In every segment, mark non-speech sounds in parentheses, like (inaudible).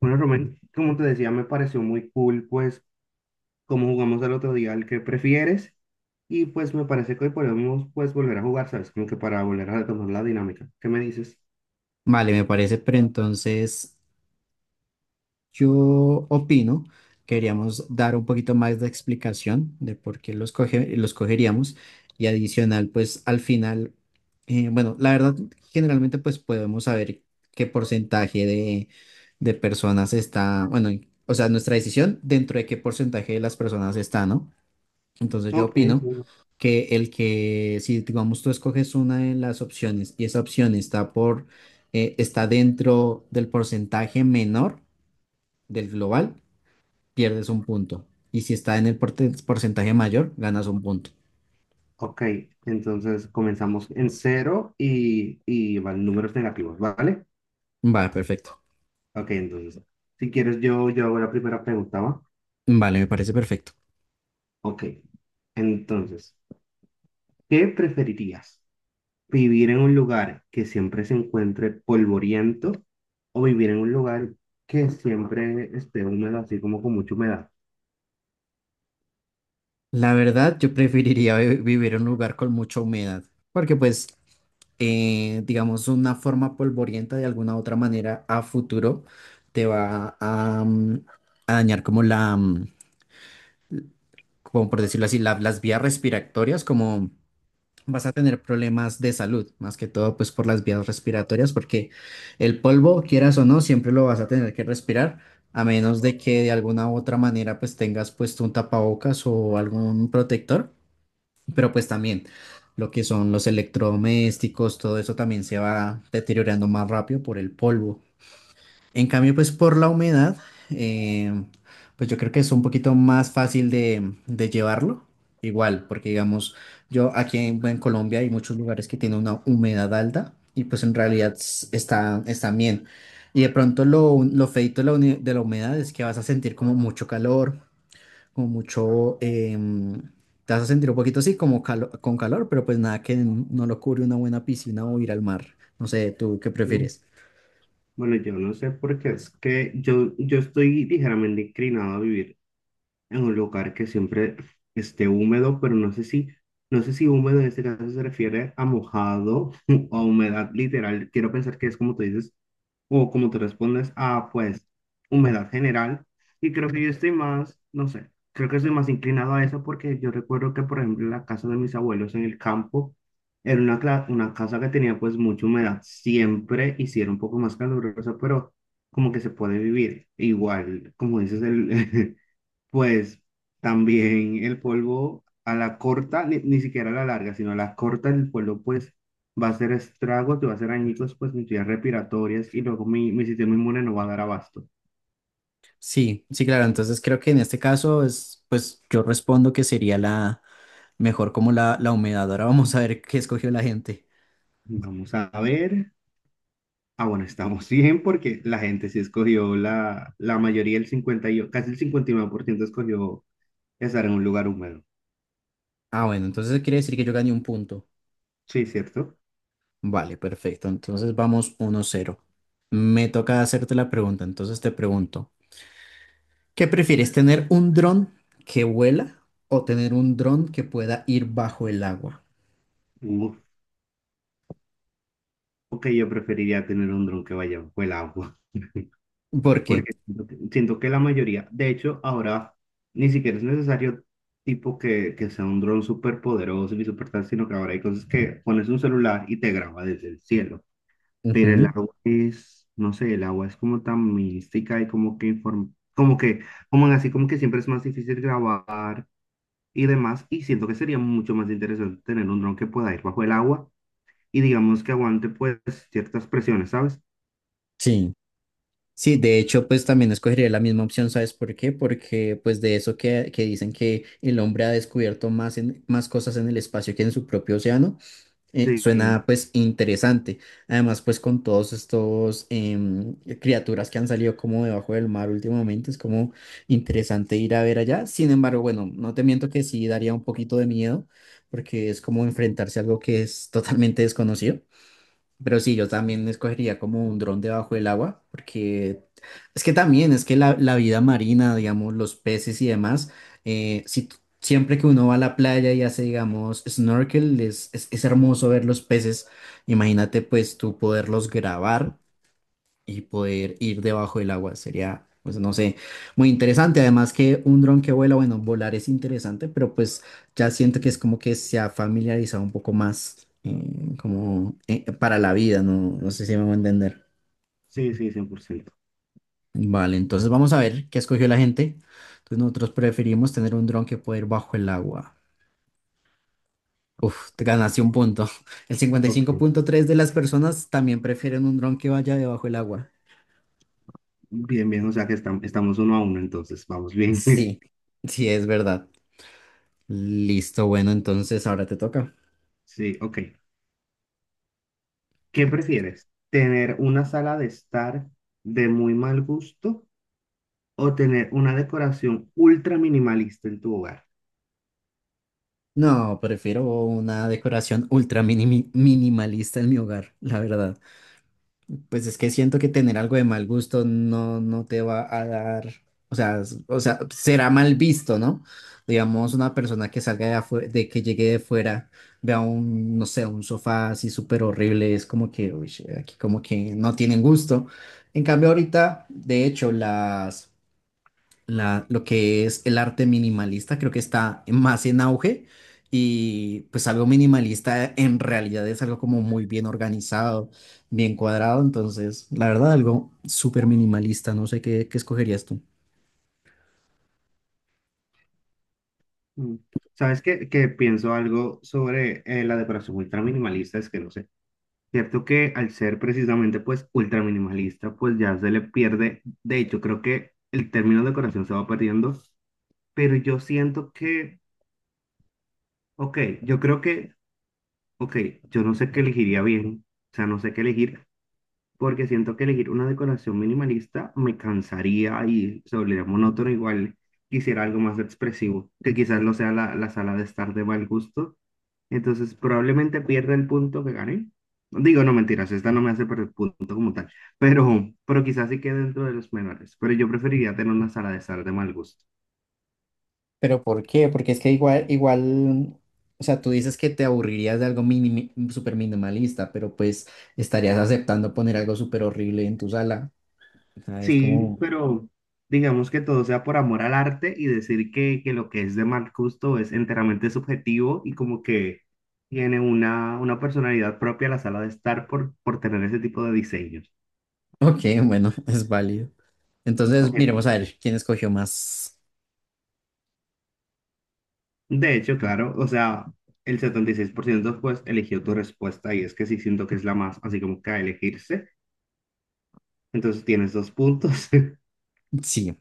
Bueno, Rubén, como te decía, me pareció muy cool, pues, como jugamos el otro día, el que prefieres, y pues me parece que hoy podemos, pues, volver a jugar, ¿sabes? Como que para volver a retomar la dinámica. ¿Qué me dices? Vale, me parece, pero entonces yo opino que deberíamos dar un poquito más de explicación de por qué los cogeríamos y adicional, pues al final, bueno, la verdad, generalmente pues podemos saber qué porcentaje de personas está, bueno, o sea, nuestra decisión dentro de qué porcentaje de las personas está, ¿no? Entonces yo Ok, opino sí. que el que, si digamos tú escoges una de las opciones y esa opción está dentro del porcentaje menor del global, pierdes un punto. Y si está en el porcentaje mayor, ganas un punto. Ok, entonces comenzamos en cero y van números negativos, ¿vale? Vale, perfecto. Ok, entonces, si quieres, yo hago la primera pregunta, ¿va? Vale, me parece perfecto. Ok, entonces, ¿qué preferirías? Vivir en un lugar que siempre se encuentre polvoriento o vivir en un lugar que siempre esté húmedo, así como con mucha humedad. La verdad, yo preferiría vivir en un lugar con mucha humedad, porque pues digamos, una forma polvorienta de alguna otra manera a futuro te va a dañar como por decirlo así, las vías respiratorias, como vas a tener problemas de salud, más que todo pues por las vías respiratorias, porque el polvo, quieras o no, siempre lo vas a tener que respirar. A menos de que de alguna u otra manera pues tengas puesto un tapabocas o algún protector, pero pues también lo que son los electrodomésticos, todo eso también se va deteriorando más rápido por el polvo. En cambio, pues por la humedad, eh, pues yo creo que es un poquito más fácil de llevarlo. Igual, porque digamos, yo aquí en Colombia hay muchos lugares que tienen una humedad alta y pues en realidad están bien. Y de pronto lo feito de la humedad es que vas a sentir como mucho calor, como mucho, em, te vas a sentir un poquito así como con calor, pero pues nada que no lo cubre una buena piscina o ir al mar. No sé, ¿tú qué Mm, prefieres? Bueno, yo no sé por qué es que yo estoy ligeramente inclinado a vivir en un lugar que siempre esté húmedo, pero no sé si húmedo en este caso se refiere a mojado (laughs) o a humedad literal. Quiero pensar que es como tú dices, o como tú respondes, ah, pues, humedad general. Y creo que yo estoy más, no sé, creo que estoy más inclinado a eso porque yo recuerdo que, por ejemplo, la casa de mis abuelos en el campo era una casa que tenía pues mucha humedad siempre y sí era un poco más calurosa, pero como que se puede vivir. Igual, como dices, el, (laughs) pues también el polvo a la corta, ni siquiera a la larga, sino a la corta el polvo pues va a hacer estragos, te va a hacer añicos pues mis vías respiratorias y luego mi, mi sistema inmune no va a dar abasto. Sí, sí, claro. Entonces creo que en este caso es, pues yo respondo que sería la mejor como la humedad. Ahora vamos a ver qué escogió la gente. Vamos a ver. Ah, bueno, estamos (laughs) bien porque la gente sí escogió la mayoría, el casi el 59% escogió estar en un lugar húmedo. Ah, bueno, entonces quiere decir que yo gané un punto. Sí, ¿cierto? Vale, perfecto. Entonces vamos 1-0. Me toca hacerte la pregunta, entonces te pregunto. ¿Qué prefieres, tener un dron que vuela o tener un dron que pueda ir bajo el agua? Uf, ok, yo preferiría tener un dron que vaya bajo el agua. (laughs) ¿Por qué? Porque siento que la mayoría, de hecho, ahora ni siquiera es necesario tipo que sea un dron súper poderoso ni súper tal, sino que ahora hay cosas que pones un celular y te graba desde el cielo. Pero el Ujú. agua es, no sé, el agua es como tan mística y como que como que, como en así, como que siempre es más difícil grabar y demás. Y siento que sería mucho más interesante tener un dron que pueda ir bajo el agua y digamos que aguante pues ciertas presiones, ¿sabes? Sí. Sí, de hecho, pues también escogería la misma opción, ¿sabes por qué? Porque pues de eso que dicen que el hombre ha descubierto más cosas en el espacio que en su propio océano. Sí, Suena pues interesante. Además, pues con todos estos criaturas que han salido como debajo del mar últimamente, es como interesante ir a ver allá. Sin embargo, bueno, no te miento que sí daría un poquito de miedo porque es como enfrentarse a algo que es totalmente desconocido. Pero sí, yo también escogería como un dron debajo del agua, porque es que también, es que la vida marina, digamos, los peces y demás, si, siempre que uno va a la playa y hace, digamos, snorkel, es hermoso ver los peces. Imagínate pues tú poderlos grabar y poder ir debajo del agua. Sería, pues no sé, muy interesante. Además que un dron que vuela, bueno, volar es interesante, pero pues ya siento que es como que se ha familiarizado un poco más como para la vida, no, no sé si me voy a entender. sí, sí, 100%. Vale, entonces vamos a ver qué escogió la gente. Entonces nosotros preferimos tener un dron que poder ir bajo el agua. Uf, te ganaste un punto. (laughs) El cincuenta y Ok. cinco punto tres de las personas también prefieren un dron que vaya debajo del agua. Bien, bien, o sea que estamos 1-1, entonces vamos bien. (laughs) Sí, sí, es verdad. Listo, bueno, entonces ahora te toca. Sí, ok. ¿Qué prefieres? ¿Tener una sala de estar de muy mal gusto o tener una decoración ultra minimalista en tu hogar? No, prefiero una decoración ultra minimalista en mi hogar, la verdad. Pues es que siento que tener algo de mal gusto no te va a dar, o sea, o sea, será mal visto, ¿no? Digamos, una persona que salga de que llegue de fuera, vea un, no sé, un sofá así súper horrible, es como que, uy, aquí como que no tienen gusto. En cambio, ahorita, de hecho, lo que es el arte minimalista, creo que está más en auge y pues algo minimalista en realidad es algo como muy bien organizado, bien cuadrado, entonces la verdad algo súper minimalista, no sé qué escogerías tú. Mm. ¿Sabes qué? Que pienso algo sobre la decoración ultra minimalista, es que no sé. Cierto que al ser precisamente pues ultra minimalista, pues ya se le pierde. De hecho, creo que el término decoración se va perdiendo, pero yo siento que, ok, yo creo que, ok, yo no sé qué elegiría bien, o sea, no sé qué elegir, porque siento que elegir una decoración minimalista me cansaría y se volvería monótono igual. Quisiera algo más expresivo, que quizás no sea la sala de estar de mal gusto. Entonces, probablemente pierda el punto que gané. Digo, no mentiras, esta no me hace perder punto como tal, pero quizás sí quede dentro de los menores. Pero yo preferiría tener una sala de estar de mal gusto. ¿Pero por qué? Porque es que igual, igual, o sea, tú dices que te aburrirías de algo súper minimalista, pero pues estarías aceptando poner algo súper horrible en tu sala. O sea, es Sí, como, pero digamos que todo sea por amor al arte y decir que lo que es de mal gusto es enteramente subjetivo y como que tiene una personalidad propia la sala de estar por tener ese tipo de diseños. ok, bueno, (laughs) es válido. Entonces, miremos Ok. a ver quién escogió más. De hecho, claro, o sea, el 76% pues eligió tu respuesta y es que sí siento que es la más así como que a elegirse. Entonces tienes dos puntos (laughs) Sí,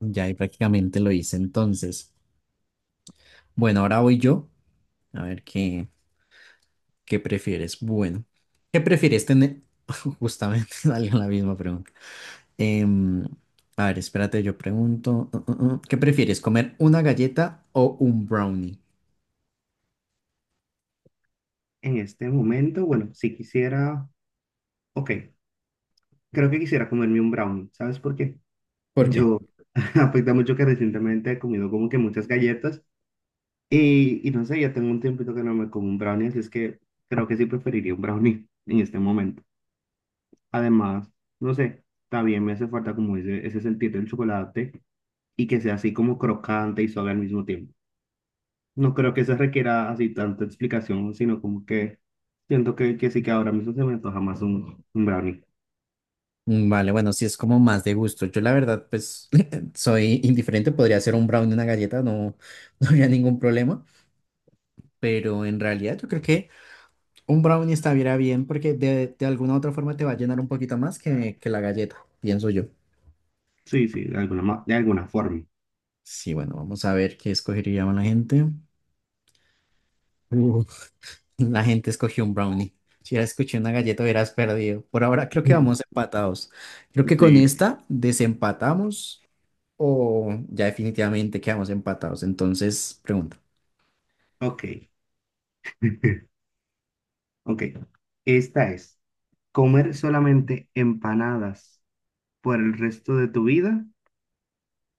ya ahí prácticamente lo hice entonces. Bueno, ahora voy yo. A ver qué, prefieres. Bueno, ¿qué prefieres tener? (laughs) Justamente (laughs) salió la misma pregunta. Em, a ver, espérate, yo pregunto. ¿Qué prefieres, comer una galleta o un brownie? en este momento. Bueno, si quisiera, ok, creo que quisiera comerme un brownie, ¿sabes por qué? ¿Por qué? Yo, (laughs) afecta mucho que recientemente he comido como que muchas galletas y no sé, ya tengo un tiempito que no me como un brownie, así es que creo que sí preferiría un brownie (laughs) en este momento. Además, no sé, también me hace falta como ese sentir del chocolate y que sea así como crocante y suave al mismo tiempo. No creo que eso requiera así tanta explicación, sino como que siento que sí que ahora mismo se me antoja más un brownie. Vale, bueno, sí es como más de gusto. Yo la verdad, pues (laughs) soy indiferente, podría ser un brownie, una galleta, no, (laughs) no habría ningún problema, pero en realidad yo creo que un brownie estaría bien porque de alguna u otra forma te va a llenar un poquito más que la galleta, pienso yo. Sí, sí, de alguna, de alguna forma. Sí, bueno, vamos a ver qué escogería la gente. Uf. La gente escogió un brownie. Si hubieras escogido una galleta, hubieras perdido. Por ahora creo que vamos (laughs) empatados. Creo que con Sí, esta desempatamos o ya definitivamente quedamos empatados. Entonces, pregunta. ok. (laughs) Ok, esta es, ¿comer solamente empanadas por el resto de tu vida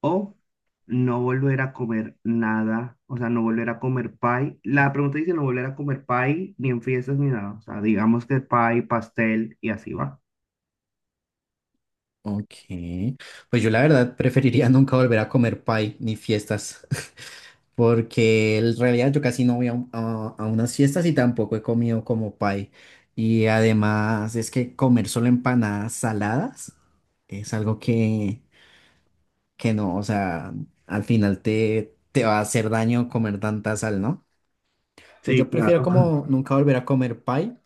o no volver a comer nada? O sea, no volver a comer pie. La pregunta dice no volver a comer pie ni en fiestas ni nada. O sea, digamos que pie, pastel y así va. Ok. Pues yo la verdad preferiría (laughs) nunca volver a comer pie ni fiestas, (laughs) porque en realidad yo casi no voy a unas fiestas y tampoco he comido como pie. Y además es que comer solo empanadas saladas es algo que no, o sea, al final te va a hacer daño comer tanta sal, ¿no? Entonces Sí, yo claro. prefiero como (laughs) nunca volver a comer pie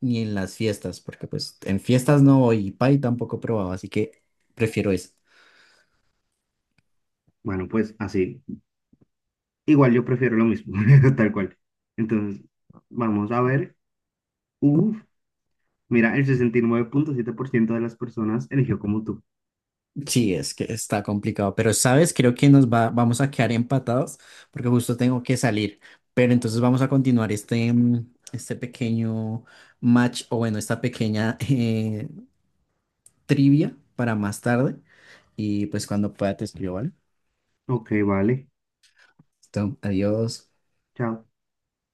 ni en las fiestas, porque pues en fiestas no voy y pie tampoco he probado, así que prefiero eso. Bueno, pues así. Igual yo prefiero lo mismo, (laughs) tal cual. Entonces, vamos a ver. Uf, mira, el 69,7% de las personas eligió como tú. Sí, es que está complicado, pero sabes, creo que vamos a quedar empatados porque justo tengo que salir, pero entonces vamos a continuar este pequeño match o bueno, esta pequeña (laughs) trivia para más tarde y pues cuando pueda te escribo, ¿vale? Ok, vale. Listo, adiós. Chao.